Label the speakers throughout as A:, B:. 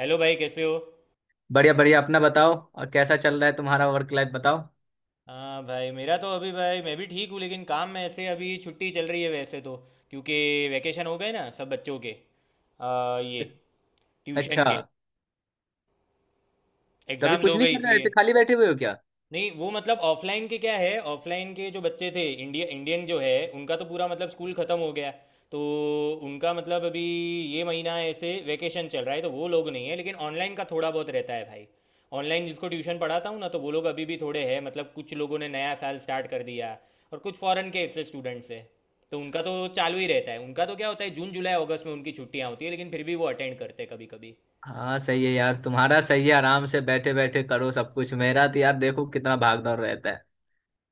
A: Hello भाई, कैसे हो।
B: बढ़िया बढ़िया, अपना बताओ। और कैसा चल रहा है तुम्हारा वर्क लाइफ? बताओ।
A: हाँ भाई मेरा तो अभी, भाई मैं भी ठीक हूँ, लेकिन काम में ऐसे अभी छुट्टी चल रही है वैसे तो। क्योंकि वैकेशन हो गए ना सब बच्चों के। ये
B: अच्छा,
A: ट्यूशन के
B: तभी
A: एग्ज़ाम्स
B: कुछ
A: हो
B: नहीं
A: गए
B: कर रहे? ऐसे
A: इसलिए।
B: खाली बैठे हुए हो क्या?
A: नहीं, वो मतलब ऑफलाइन के क्या है, ऑफलाइन के जो बच्चे थे, इंडिया इंडियन जो है उनका तो पूरा मतलब स्कूल ख़त्म हो गया। तो उनका मतलब अभी ये महीना ऐसे वेकेशन चल रहा है, तो वो लोग नहीं है, लेकिन ऑनलाइन का थोड़ा बहुत रहता है भाई। ऑनलाइन जिसको ट्यूशन पढ़ाता हूँ ना, तो वो लोग अभी भी थोड़े हैं, मतलब कुछ लोगों ने नया साल स्टार्ट कर दिया। और कुछ फॉरेन के ऐसे स्टूडेंट्स हैं, तो उनका तो चालू ही रहता है। उनका तो क्या होता है, जून जुलाई अगस्त में उनकी छुट्टियाँ होती है, लेकिन फिर भी वो अटेंड करते हैं कभी कभी।
B: हाँ सही है यार, तुम्हारा सही है। आराम से बैठे बैठे करो सब कुछ। मेरा तो यार देखो कितना भाग दौड़ रहता है।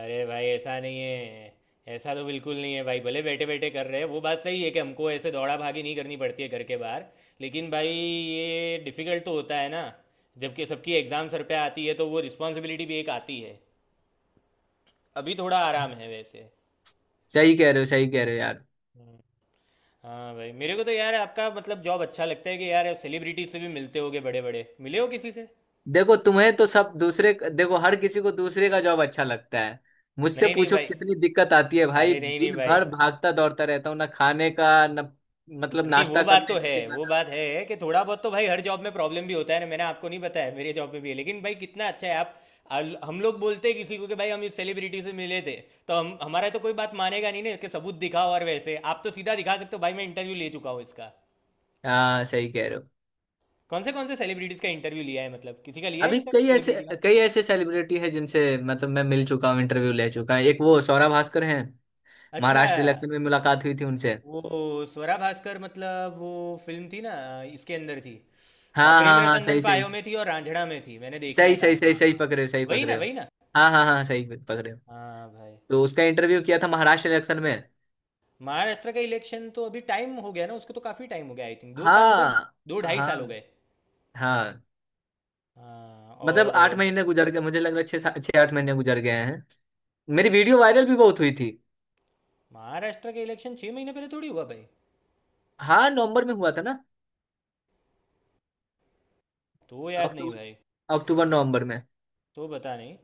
A: अरे भाई ऐसा नहीं है। ऐसा तो बिल्कुल नहीं है भाई। भले बैठे बैठे कर रहे हैं, वो बात सही है कि हमको ऐसे दौड़ा भागी नहीं करनी पड़ती है घर के बाहर, लेकिन भाई ये डिफ़िकल्ट तो होता है ना। जबकि सबकी एग्ज़ाम सर पे आती है, तो वो रिस्पॉन्सिबिलिटी भी एक आती है। अभी थोड़ा आराम है वैसे।
B: सही कह रहे हो, सही कह रहे हो यार।
A: हम्म। हाँ भाई, मेरे को तो यार आपका मतलब जॉब अच्छा लगता है कि यार सेलिब्रिटी से भी मिलते होगे। बड़े बड़े मिले हो किसी से।
B: देखो तुम्हें तो सब दूसरे, देखो हर किसी को दूसरे का जॉब अच्छा लगता है। मुझसे
A: नहीं नहीं
B: पूछो
A: भाई।
B: कितनी दिक्कत आती है भाई।
A: अरे नहीं नहीं
B: दिन
A: भाई।
B: भर भागता दौड़ता रहता हूँ, ना खाने का ना मतलब
A: नहीं, वो
B: नाश्ता
A: बात तो
B: करने का
A: है, वो
B: ठिकाना।
A: बात है कि थोड़ा बहुत तो भाई हर जॉब में प्रॉब्लम भी होता है ना, मैंने आपको नहीं बताया मेरे जॉब में भी है, लेकिन भाई कितना अच्छा है आप। हम लोग बोलते हैं किसी को कि भाई हम इस सेलिब्रिटी से मिले थे, तो हम हमारा तो कोई बात मानेगा नहीं ना कि सबूत दिखाओ, और वैसे आप तो सीधा दिखा सकते हो, भाई मैं इंटरव्यू ले चुका हूँ इसका।
B: हाँ, सही कह रहे हो।
A: कौन से सेलिब्रिटीज का इंटरव्यू लिया है, मतलब किसी का लिया है
B: अभी
A: इंटरव्यू,
B: कई ऐसे
A: सेलिब्रिटी का।
B: कई ऐसे सेलिब्रिटी हैं जिनसे मतलब मैं मिल चुका हूँ, इंटरव्यू ले चुका हूँ। एक वो सौरभ भास्कर हैं।
A: अच्छा,
B: महाराष्ट्र इलेक्शन में मुलाकात हुई थी उनसे।
A: वो स्वरा भास्कर मतलब वो फिल्म थी ना, इसके अंदर थी।
B: हाँ
A: प्रेम
B: हाँ हाँ,
A: रतन धन
B: सही सही।
A: पायो में थी और रांझणा में थी, मैंने देखा है
B: सही सही,
A: काम।
B: सही
A: हाँ
B: सही
A: हाँ।
B: पकड़े हो, सही
A: वही ना,
B: पकड़े हो।
A: वही ना।
B: हाँ हाँ हाँ, सही पकड़े हो।
A: हाँ भाई।
B: तो उसका इंटरव्यू किया था महाराष्ट्र इलेक्शन में।
A: महाराष्ट्र का इलेक्शन तो अभी टाइम हो गया ना उसको, तो काफ़ी टाइम हो गया, आई थिंक 2 साल हुए ना।
B: हाँ
A: दो ढाई साल हो
B: हाँ
A: गए।
B: हाँ।
A: हाँ
B: मतलब
A: और।
B: आठ महीने गुजर गए मुझे लग रहा है। छः आठ महीने गुजर गए हैं। मेरी वीडियो वायरल भी बहुत हुई थी।
A: महाराष्ट्र के इलेक्शन 6 महीने पहले थोड़ी हुआ भाई।
B: हाँ, नवंबर में हुआ था ना।
A: तो याद नहीं भाई।
B: अक्टूबर, अक्टूबर नवंबर में।
A: तो पता नहीं।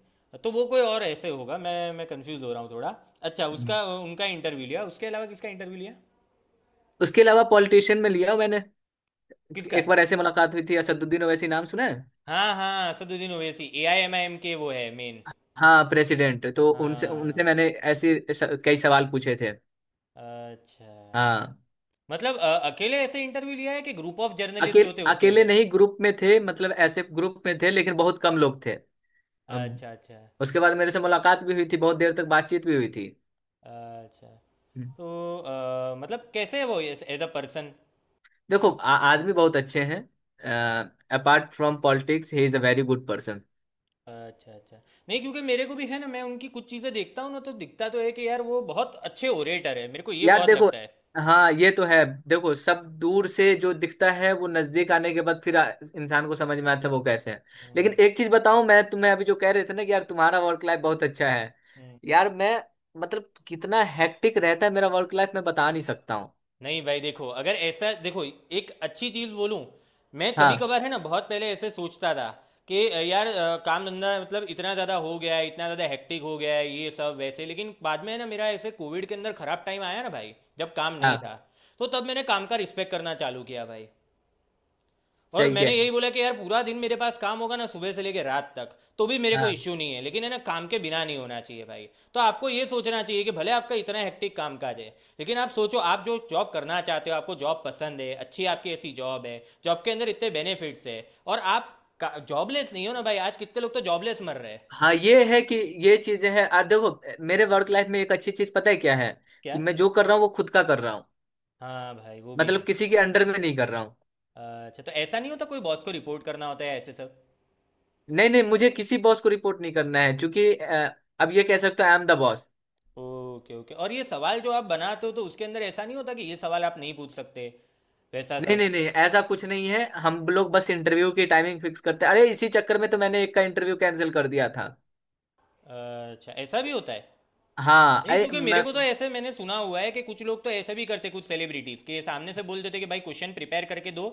A: तो वो कोई और ऐसे होगा, मैं कंफ्यूज हो रहा हूँ थोड़ा। अच्छा,
B: हम्म।
A: उसका उनका इंटरव्यू लिया। उसके अलावा किसका इंटरव्यू लिया।
B: उसके अलावा पॉलिटिशियन में लिया मैंने।
A: किसका।
B: एक बार ऐसे मुलाकात हुई थी। असदुद्दीन ओवैसी नाम सुना है?
A: हाँ हाँ, असदुद्दीन ओवैसी AIMIM के वो है मेन।
B: हाँ, प्रेसिडेंट। तो उनसे उनसे
A: हाँ।
B: मैंने ऐसे कई सवाल पूछे थे।
A: अच्छा,
B: हाँ।
A: मतलब अकेले ऐसे इंटरव्यू लिया है कि ग्रुप ऑफ जर्नलिस्ट
B: अकेले
A: होते हैं उसके
B: अकेले
A: अंदर।
B: नहीं, ग्रुप में थे। मतलब ऐसे ग्रुप में थे लेकिन बहुत कम लोग थे। अम,
A: अच्छा अच्छा
B: उसके बाद मेरे से मुलाकात भी हुई थी, बहुत देर तक बातचीत भी हुई थी।
A: अच्छा।
B: हम्म।
A: तो मतलब कैसे है वो एज अ पर्सन।
B: देखो आदमी बहुत अच्छे हैं। Apart from politics, he is a very good person.
A: अच्छा अच्छा। नहीं क्योंकि मेरे को भी है ना, मैं उनकी कुछ चीज़ें देखता हूँ ना, तो दिखता तो है कि यार वो बहुत अच्छे ओरेटर है। मेरे को ये
B: यार
A: बहुत
B: देखो,
A: लगता है।
B: हाँ ये तो है। देखो सब दूर से जो दिखता है वो नजदीक आने के बाद फिर इंसान को समझ में आता है वो कैसे है। लेकिन
A: हम्म,
B: एक चीज बताऊं मैं तुम्हें, अभी जो कह रहे थे ना कि यार तुम्हारा वर्क लाइफ बहुत अच्छा है।
A: हम्म।
B: यार मैं, मतलब कितना हेक्टिक रहता है मेरा वर्क लाइफ मैं बता नहीं सकता हूँ।
A: नहीं भाई देखो, अगर ऐसा देखो एक अच्छी चीज़ बोलूँ, मैं कभी
B: हाँ
A: कभार है ना बहुत पहले ऐसे सोचता था कि यार काम धंधा मतलब इतना ज़्यादा हो गया है, इतना ज़्यादा हेक्टिक हो गया है ये सब वैसे, लेकिन बाद में है ना मेरा ऐसे कोविड के अंदर ख़राब टाइम आया ना भाई, जब काम नहीं
B: हाँ
A: था। तो तब मैंने काम का रिस्पेक्ट करना चालू किया भाई। और
B: सही कह
A: मैंने
B: रहे
A: यही बोला कि यार पूरा दिन मेरे पास काम होगा ना सुबह से लेकर रात तक, तो भी मेरे
B: हो।
A: को
B: हाँ
A: इश्यू नहीं है, लेकिन है ना काम के बिना नहीं होना चाहिए भाई। तो आपको ये सोचना चाहिए कि भले आपका इतना हेक्टिक काम काज है, लेकिन आप सोचो, आप जो जॉब करना चाहते हो, आपको जॉब पसंद है, अच्छी आपकी ऐसी जॉब है। जॉब के अंदर इतने बेनिफिट्स है, और आप जॉबलेस नहीं हो ना भाई। आज कितने लोग तो जॉबलेस मर रहे हैं।
B: हाँ, ये है कि ये चीजें हैं। और देखो, मेरे वर्क लाइफ में एक अच्छी चीज पता है क्या है?
A: क्या।
B: कि मैं जो कर रहा हूँ वो खुद का कर रहा हूँ।
A: हाँ भाई वो भी
B: मतलब
A: है।
B: किसी के अंडर में नहीं कर रहा हूँ।
A: अच्छा, तो ऐसा नहीं होता कोई बॉस को रिपोर्ट करना होता है ऐसे सब।
B: नहीं नहीं, मुझे किसी बॉस को रिपोर्ट नहीं करना है क्योंकि अब ये कह सकते हो I am the boss.
A: Okay okay. और ये सवाल जो आप बनाते हो, तो उसके अंदर ऐसा नहीं होता कि ये सवाल आप नहीं पूछ सकते, वैसा
B: नहीं
A: सब।
B: नहीं नहीं, ऐसा कुछ नहीं है। हम लोग बस इंटरव्यू की टाइमिंग फिक्स करते हैं। अरे इसी चक्कर में तो मैंने एक का इंटरव्यू कैंसिल कर दिया था।
A: अच्छा, ऐसा भी होता है।
B: हाँ
A: नहीं
B: अरे
A: क्योंकि मेरे
B: मैं,
A: को तो ऐसे मैंने सुना हुआ है कि कुछ लोग तो ऐसे भी करते, कुछ सेलिब्रिटीज के सामने से बोल देते कि भाई क्वेश्चन प्रिपेयर करके दो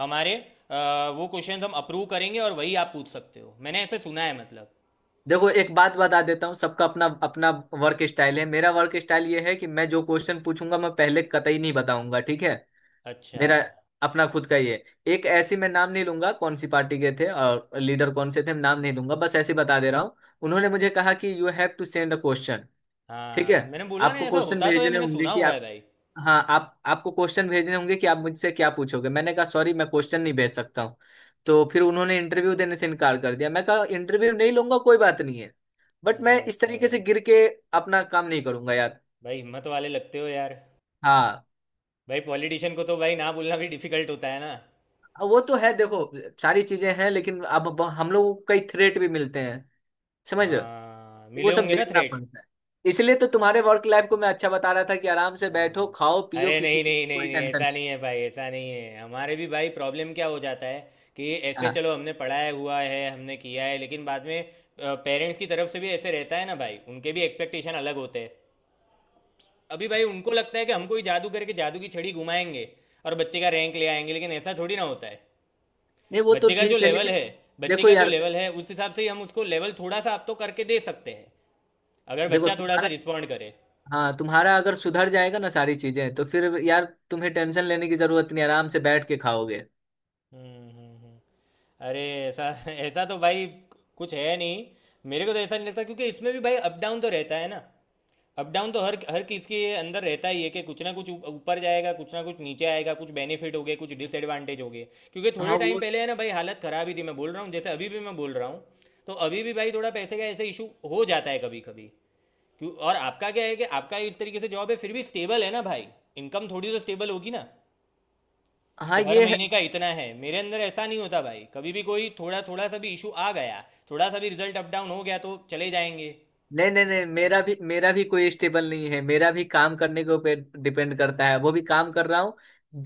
A: हमारे, वो क्वेश्चन हम अप्रूव करेंगे और वही आप पूछ सकते हो, मैंने ऐसे सुना है, मतलब।
B: देखो एक बात बता देता हूँ, सबका अपना अपना वर्क स्टाइल है। मेरा वर्क स्टाइल ये है कि मैं जो क्वेश्चन पूछूंगा मैं पहले कतई नहीं बताऊंगा, ठीक है।
A: अच्छा।
B: मेरा अपना खुद का ही है। एक ऐसी, मैं नाम नहीं लूंगा कौन सी पार्टी के थे और लीडर कौन से थे, मैं नाम नहीं लूंगा, बस ऐसे ही बता दे रहा हूँ। उन्होंने मुझे कहा कि you have to send a question. ठीक है,
A: हाँ मैंने बोला ना,
B: आपको
A: ऐसा
B: क्वेश्चन
A: होता तो है,
B: भेजने
A: मैंने
B: होंगे
A: सुना
B: कि
A: हुआ है
B: आप,
A: भाई।
B: हाँ आप आपको क्वेश्चन भेजने होंगे कि आप मुझसे क्या पूछोगे। मैंने कहा सॉरी, मैं क्वेश्चन नहीं भेज सकता हूँ। तो फिर उन्होंने इंटरव्यू देने से इनकार कर दिया। मैं कहा इंटरव्यू नहीं लूंगा, कोई बात नहीं है। बट मैं इस
A: अच्छा
B: तरीके से
A: भाई।
B: गिर के अपना काम नहीं करूंगा यार।
A: भाई हिम्मत वाले लगते हो यार।
B: हाँ
A: भाई पॉलिटिशियन को तो भाई ना बोलना भी डिफिकल्ट होता है ना।
B: वो तो है, देखो सारी चीजें हैं लेकिन अब हम लोगों को कई थ्रेट भी मिलते हैं, समझ रहे हो?
A: हाँ
B: तो वो
A: मिले
B: सब
A: होंगे ना
B: झेलना
A: थ्रेट।
B: पड़ता है। इसलिए तो तुम्हारे वर्क लाइफ को मैं अच्छा बता रहा था कि आराम से बैठो,
A: हाँ।
B: खाओ पियो,
A: अरे
B: किसी
A: नहीं
B: चीज
A: नहीं
B: की कोई
A: नहीं नहीं,
B: टेंशन
A: ऐसा
B: नहीं।
A: नहीं है भाई, ऐसा नहीं है। हमारे भी भाई प्रॉब्लम क्या हो जाता है कि ऐसे
B: हाँ,
A: चलो, हमने पढ़ाया हुआ है हमने किया है, लेकिन बाद में पेरेंट्स की तरफ से भी ऐसे रहता है ना भाई, उनके भी एक्सपेक्टेशन अलग होते हैं। अभी भाई उनको लगता है कि हमको ही जादू करके, जादू की छड़ी घुमाएंगे और बच्चे का रैंक ले आएंगे, लेकिन ऐसा थोड़ी ना होता है।
B: नहीं वो तो
A: बच्चे का जो
B: ठीक है
A: लेवल
B: लेकिन
A: है बच्चे
B: देखो
A: का जो
B: यार,
A: लेवल है उस हिसाब से ही हम उसको लेवल थोड़ा सा आप तो करके दे सकते हैं, अगर
B: देखो
A: बच्चा थोड़ा सा
B: तुम्हारा,
A: रिस्पॉन्ड करे।
B: हाँ तुम्हारा अगर सुधर जाएगा ना सारी चीजें तो फिर यार तुम्हें टेंशन लेने की जरूरत नहीं, आराम से बैठ के खाओगे।
A: हम्म हम्म हम्म। अरे ऐसा, ऐसा तो भाई कुछ है नहीं। मेरे को तो ऐसा नहीं लगता, क्योंकि इसमें भी भाई अप डाउन तो रहता है ना। अप डाउन तो हर हर किसी के अंदर रहता ही है कि कुछ ना कुछ ऊपर जाएगा, कुछ ना कुछ नीचे आएगा, कुछ बेनिफिट हो गए कुछ डिसएडवांटेज हो गए। क्योंकि थोड़े
B: हाँ
A: टाइम
B: वो,
A: पहले है ना भाई हालत खराब ही थी, मैं बोल रहा हूँ, जैसे अभी भी मैं बोल रहा हूँ। तो अभी भी भाई थोड़ा पैसे का ऐसे इशू हो जाता है कभी कभी। क्यों, और आपका क्या है कि आपका इस तरीके से जॉब है, फिर भी स्टेबल है ना भाई। इनकम थोड़ी तो स्टेबल होगी ना, कि
B: हाँ
A: हर
B: ये है।
A: महीने का इतना है। मेरे अंदर ऐसा नहीं होता भाई, कभी भी कोई थोड़ा थोड़ा सा भी इशू आ गया, थोड़ा सा भी रिजल्ट अप डाउन हो गया तो चले जाएंगे।
B: नहीं नहीं नहीं, मेरा भी कोई स्टेबल नहीं है। मेरा भी काम करने के ऊपर डिपेंड करता है, वो भी काम कर रहा हूँ।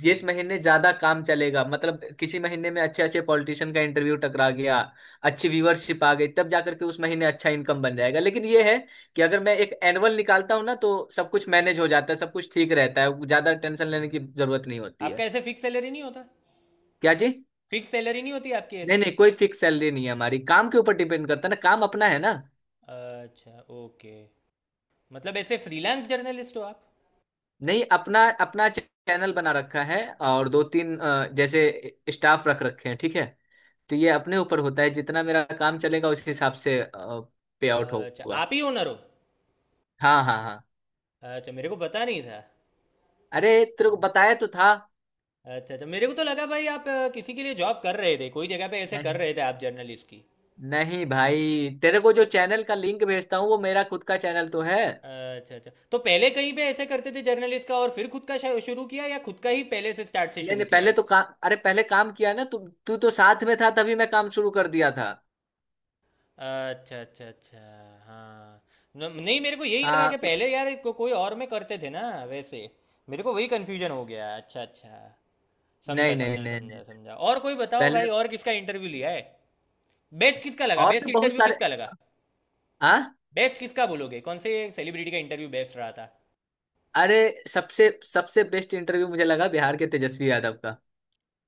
B: जिस महीने ज्यादा काम चलेगा, मतलब किसी महीने में अच्छे अच्छे पॉलिटिशियन का इंटरव्यू टकरा गया, अच्छी व्यूअरशिप आ गई, तब जाकर के उस महीने अच्छा इनकम बन जाएगा। लेकिन ये है कि अगर मैं एक एनुअल निकालता हूँ ना तो सब कुछ मैनेज हो जाता है, सब कुछ ठीक रहता है, ज्यादा टेंशन लेने की जरूरत नहीं होती
A: आपका
B: है।
A: ऐसे फिक्स सैलरी नहीं होता।
B: क्या जी?
A: फिक्स सैलरी नहीं होती आपकी
B: नहीं
A: ऐसे।
B: नहीं, कोई फिक्स सैलरी नहीं है हमारी। काम के ऊपर डिपेंड करता है ना, काम अपना है ना।
A: अच्छा ओके। मतलब ऐसे फ्रीलांस जर्नलिस्ट हो आप।
B: नहीं, अपना अपना चैनल बना रखा है। और दो तीन जैसे स्टाफ रख रखे हैं, ठीक है। तो ये अपने ऊपर होता है, जितना मेरा काम चलेगा उस हिसाब से पे आउट
A: अच्छा
B: होगा।
A: आप ही ओनर हो।
B: हाँ हाँ हाँ।
A: अच्छा मेरे को पता नहीं था।
B: अरे तेरे को बताया तो था।
A: अच्छा अच्छा, मेरे को तो लगा भाई आप किसी के लिए जॉब कर रहे थे, कोई जगह पे ऐसे कर
B: नहीं
A: रहे थे आप जर्नलिस्ट की।
B: नहीं भाई, तेरे को जो
A: तो
B: चैनल का लिंक भेजता हूँ वो मेरा खुद का चैनल तो है।
A: अच्छा अच्छा, तो पहले कहीं पे ऐसे करते थे जर्नलिस्ट का और फिर खुद का शुरू किया, या खुद का ही पहले से स्टार्ट से
B: नहीं
A: शुरू
B: नहीं,
A: किया
B: पहले
A: है।
B: तो काम, अरे पहले काम किया ना तू। तू तो साथ में था, तभी मैं काम शुरू कर दिया था।
A: अच्छा अच्छा अच्छा। हाँ। नहीं मेरे को यही लगा कि
B: हाँ उस,
A: पहले यार कोई और में करते थे ना वैसे। मेरे को वही कन्फ्यूजन हो गया। अच्छा अच्छा, समझा
B: नहीं नहीं
A: समझा
B: नहीं नहीं,
A: समझा समझा। और कोई बताओ
B: पहले
A: भाई, और किसका इंटरव्यू लिया है, बेस्ट किसका लगा,
B: और
A: बेस्ट
B: भी बहुत
A: इंटरव्यू
B: सारे।
A: किसका लगा,
B: हाँ।
A: बेस्ट किसका बोलोगे, कौन से सेलिब्रिटी का इंटरव्यू बेस्ट रहा था।
B: अरे सबसे सबसे बेस्ट इंटरव्यू मुझे लगा बिहार के तेजस्वी यादव का।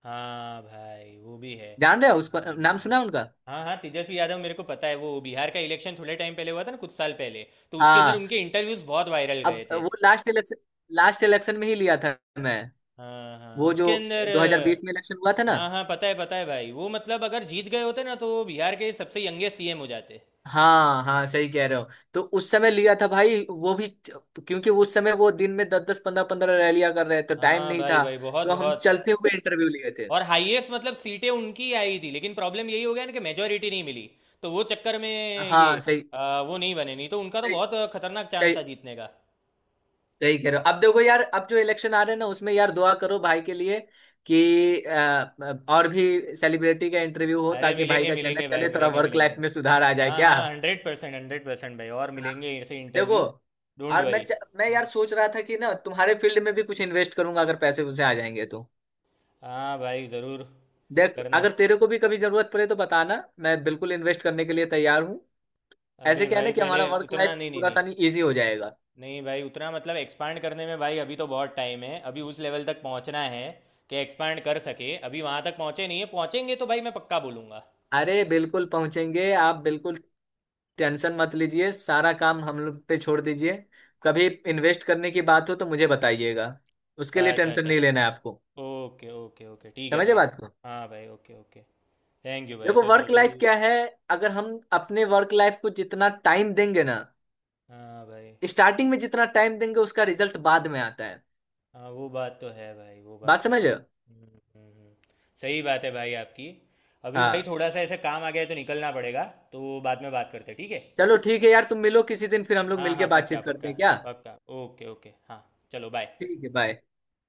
A: हाँ भाई वो भी है।
B: जान रहे हो उसको?
A: हाँ
B: नाम सुना है उनका?
A: हाँ हाँ, तेजस्वी यादव मेरे को पता है, वो बिहार का इलेक्शन थोड़े टाइम पहले हुआ था ना कुछ साल पहले। तो उसके अंदर
B: हाँ,
A: उनके इंटरव्यूज बहुत वायरल
B: अब
A: गए थे।
B: वो लास्ट इलेक्शन में ही लिया था मैं।
A: हाँ हाँ
B: वो जो
A: उसके अंदर।
B: 2020 में इलेक्शन हुआ था ना।
A: हाँ हाँ पता है भाई, वो मतलब अगर जीत गए होते ना, तो वो बिहार के सबसे यंगेस्ट सीएम हो जाते।
B: हाँ हाँ, सही कह रहे हो। तो उस समय लिया था भाई वो भी, क्योंकि उस समय वो दिन में दस दस पंद्रह पंद्रह रैलियां कर रहे थे तो टाइम
A: हाँ
B: नहीं
A: भाई
B: था।
A: भाई बहुत
B: तो हम
A: बहुत।
B: चलते हुए इंटरव्यू लिए थे।
A: और हाईएस्ट मतलब सीटें उनकी आई थी, लेकिन प्रॉब्लम यही हो गया ना कि मेजोरिटी नहीं मिली, तो वो चक्कर में ये
B: हाँ सही,
A: वो नहीं बने, नहीं तो उनका तो
B: सही
A: बहुत खतरनाक
B: सही,
A: चांस था जीतने का।
B: सही कह रहे हो। अब देखो यार, अब जो इलेक्शन आ रहे हैं ना उसमें यार दुआ करो भाई के लिए कि और भी सेलिब्रिटी का इंटरव्यू हो,
A: अरे
B: ताकि भाई
A: मिलेंगे
B: का चैनल
A: मिलेंगे भाई,
B: चले, थोड़ा
A: मिलेंगे
B: वर्क लाइफ
A: मिलेंगे।
B: में सुधार आ जाए
A: हाँ
B: क्या।
A: हाँ 100% 100% भाई, और
B: हाँ।
A: मिलेंगे ऐसे
B: देखो,
A: इंटरव्यू। डोंट
B: और
A: वरी।
B: मैं यार सोच रहा था कि ना तुम्हारे फील्ड में भी कुछ इन्वेस्ट करूंगा अगर पैसे उसे आ जाएंगे तो।
A: हाँ भाई ज़रूर
B: देख,
A: करना।
B: अगर तेरे को भी कभी जरूरत पड़े तो बताना, मैं बिल्कुल इन्वेस्ट करने के लिए तैयार हूँ। ऐसे
A: अरे
B: क्या है ना
A: भाई
B: कि
A: पहले
B: हमारा वर्क
A: उतना
B: लाइफ
A: नहीं, नहीं
B: थोड़ा
A: नहीं।
B: सा नहीं, ईजी हो जाएगा।
A: नहीं भाई उतना मतलब एक्सपांड करने में भाई अभी तो बहुत टाइम है, अभी उस लेवल तक पहुंचना है कि एक्सपांड कर सके। अभी वहां तक पहुंचे नहीं है, पहुंचेंगे तो भाई मैं पक्का बोलूंगा।
B: अरे बिल्कुल पहुंचेंगे आप, बिल्कुल। टेंशन मत लीजिए, सारा काम हम लोग पे छोड़ दीजिए। कभी इन्वेस्ट करने की बात हो तो मुझे बताइएगा। उसके लिए
A: अच्छा
B: टेंशन
A: अच्छा,
B: नहीं लेना है आपको।
A: ओके ओके ओके, ठीक है
B: समझे
A: भाई।
B: बात को?
A: हाँ भाई ओके ओके। थैंक यू भाई,
B: देखो
A: चलो
B: वर्क
A: अभी।
B: लाइफ क्या है। अगर हम अपने वर्क लाइफ को जितना टाइम देंगे ना,
A: हाँ भाई।
B: स्टार्टिंग में जितना टाइम देंगे उसका रिजल्ट बाद में आता है।
A: हाँ वो बात तो है भाई, वो
B: बात
A: बात तो
B: समझ
A: है।
B: रहे हो?
A: हम्म, हम्म। सही बात है भाई आपकी। अभी भाई
B: हाँ
A: थोड़ा सा ऐसे काम आ गया है तो निकलना पड़ेगा, तो बाद में बात करते हैं ठीक है।
B: चलो, ठीक है यार। तुम मिलो किसी दिन फिर हम लोग
A: हाँ हाँ
B: मिलके
A: पक्का
B: बातचीत करते
A: पक्का।
B: हैं क्या।
A: पक्का, ओके ओके हाँ। चलो बाय।
B: ठीक है, बाय।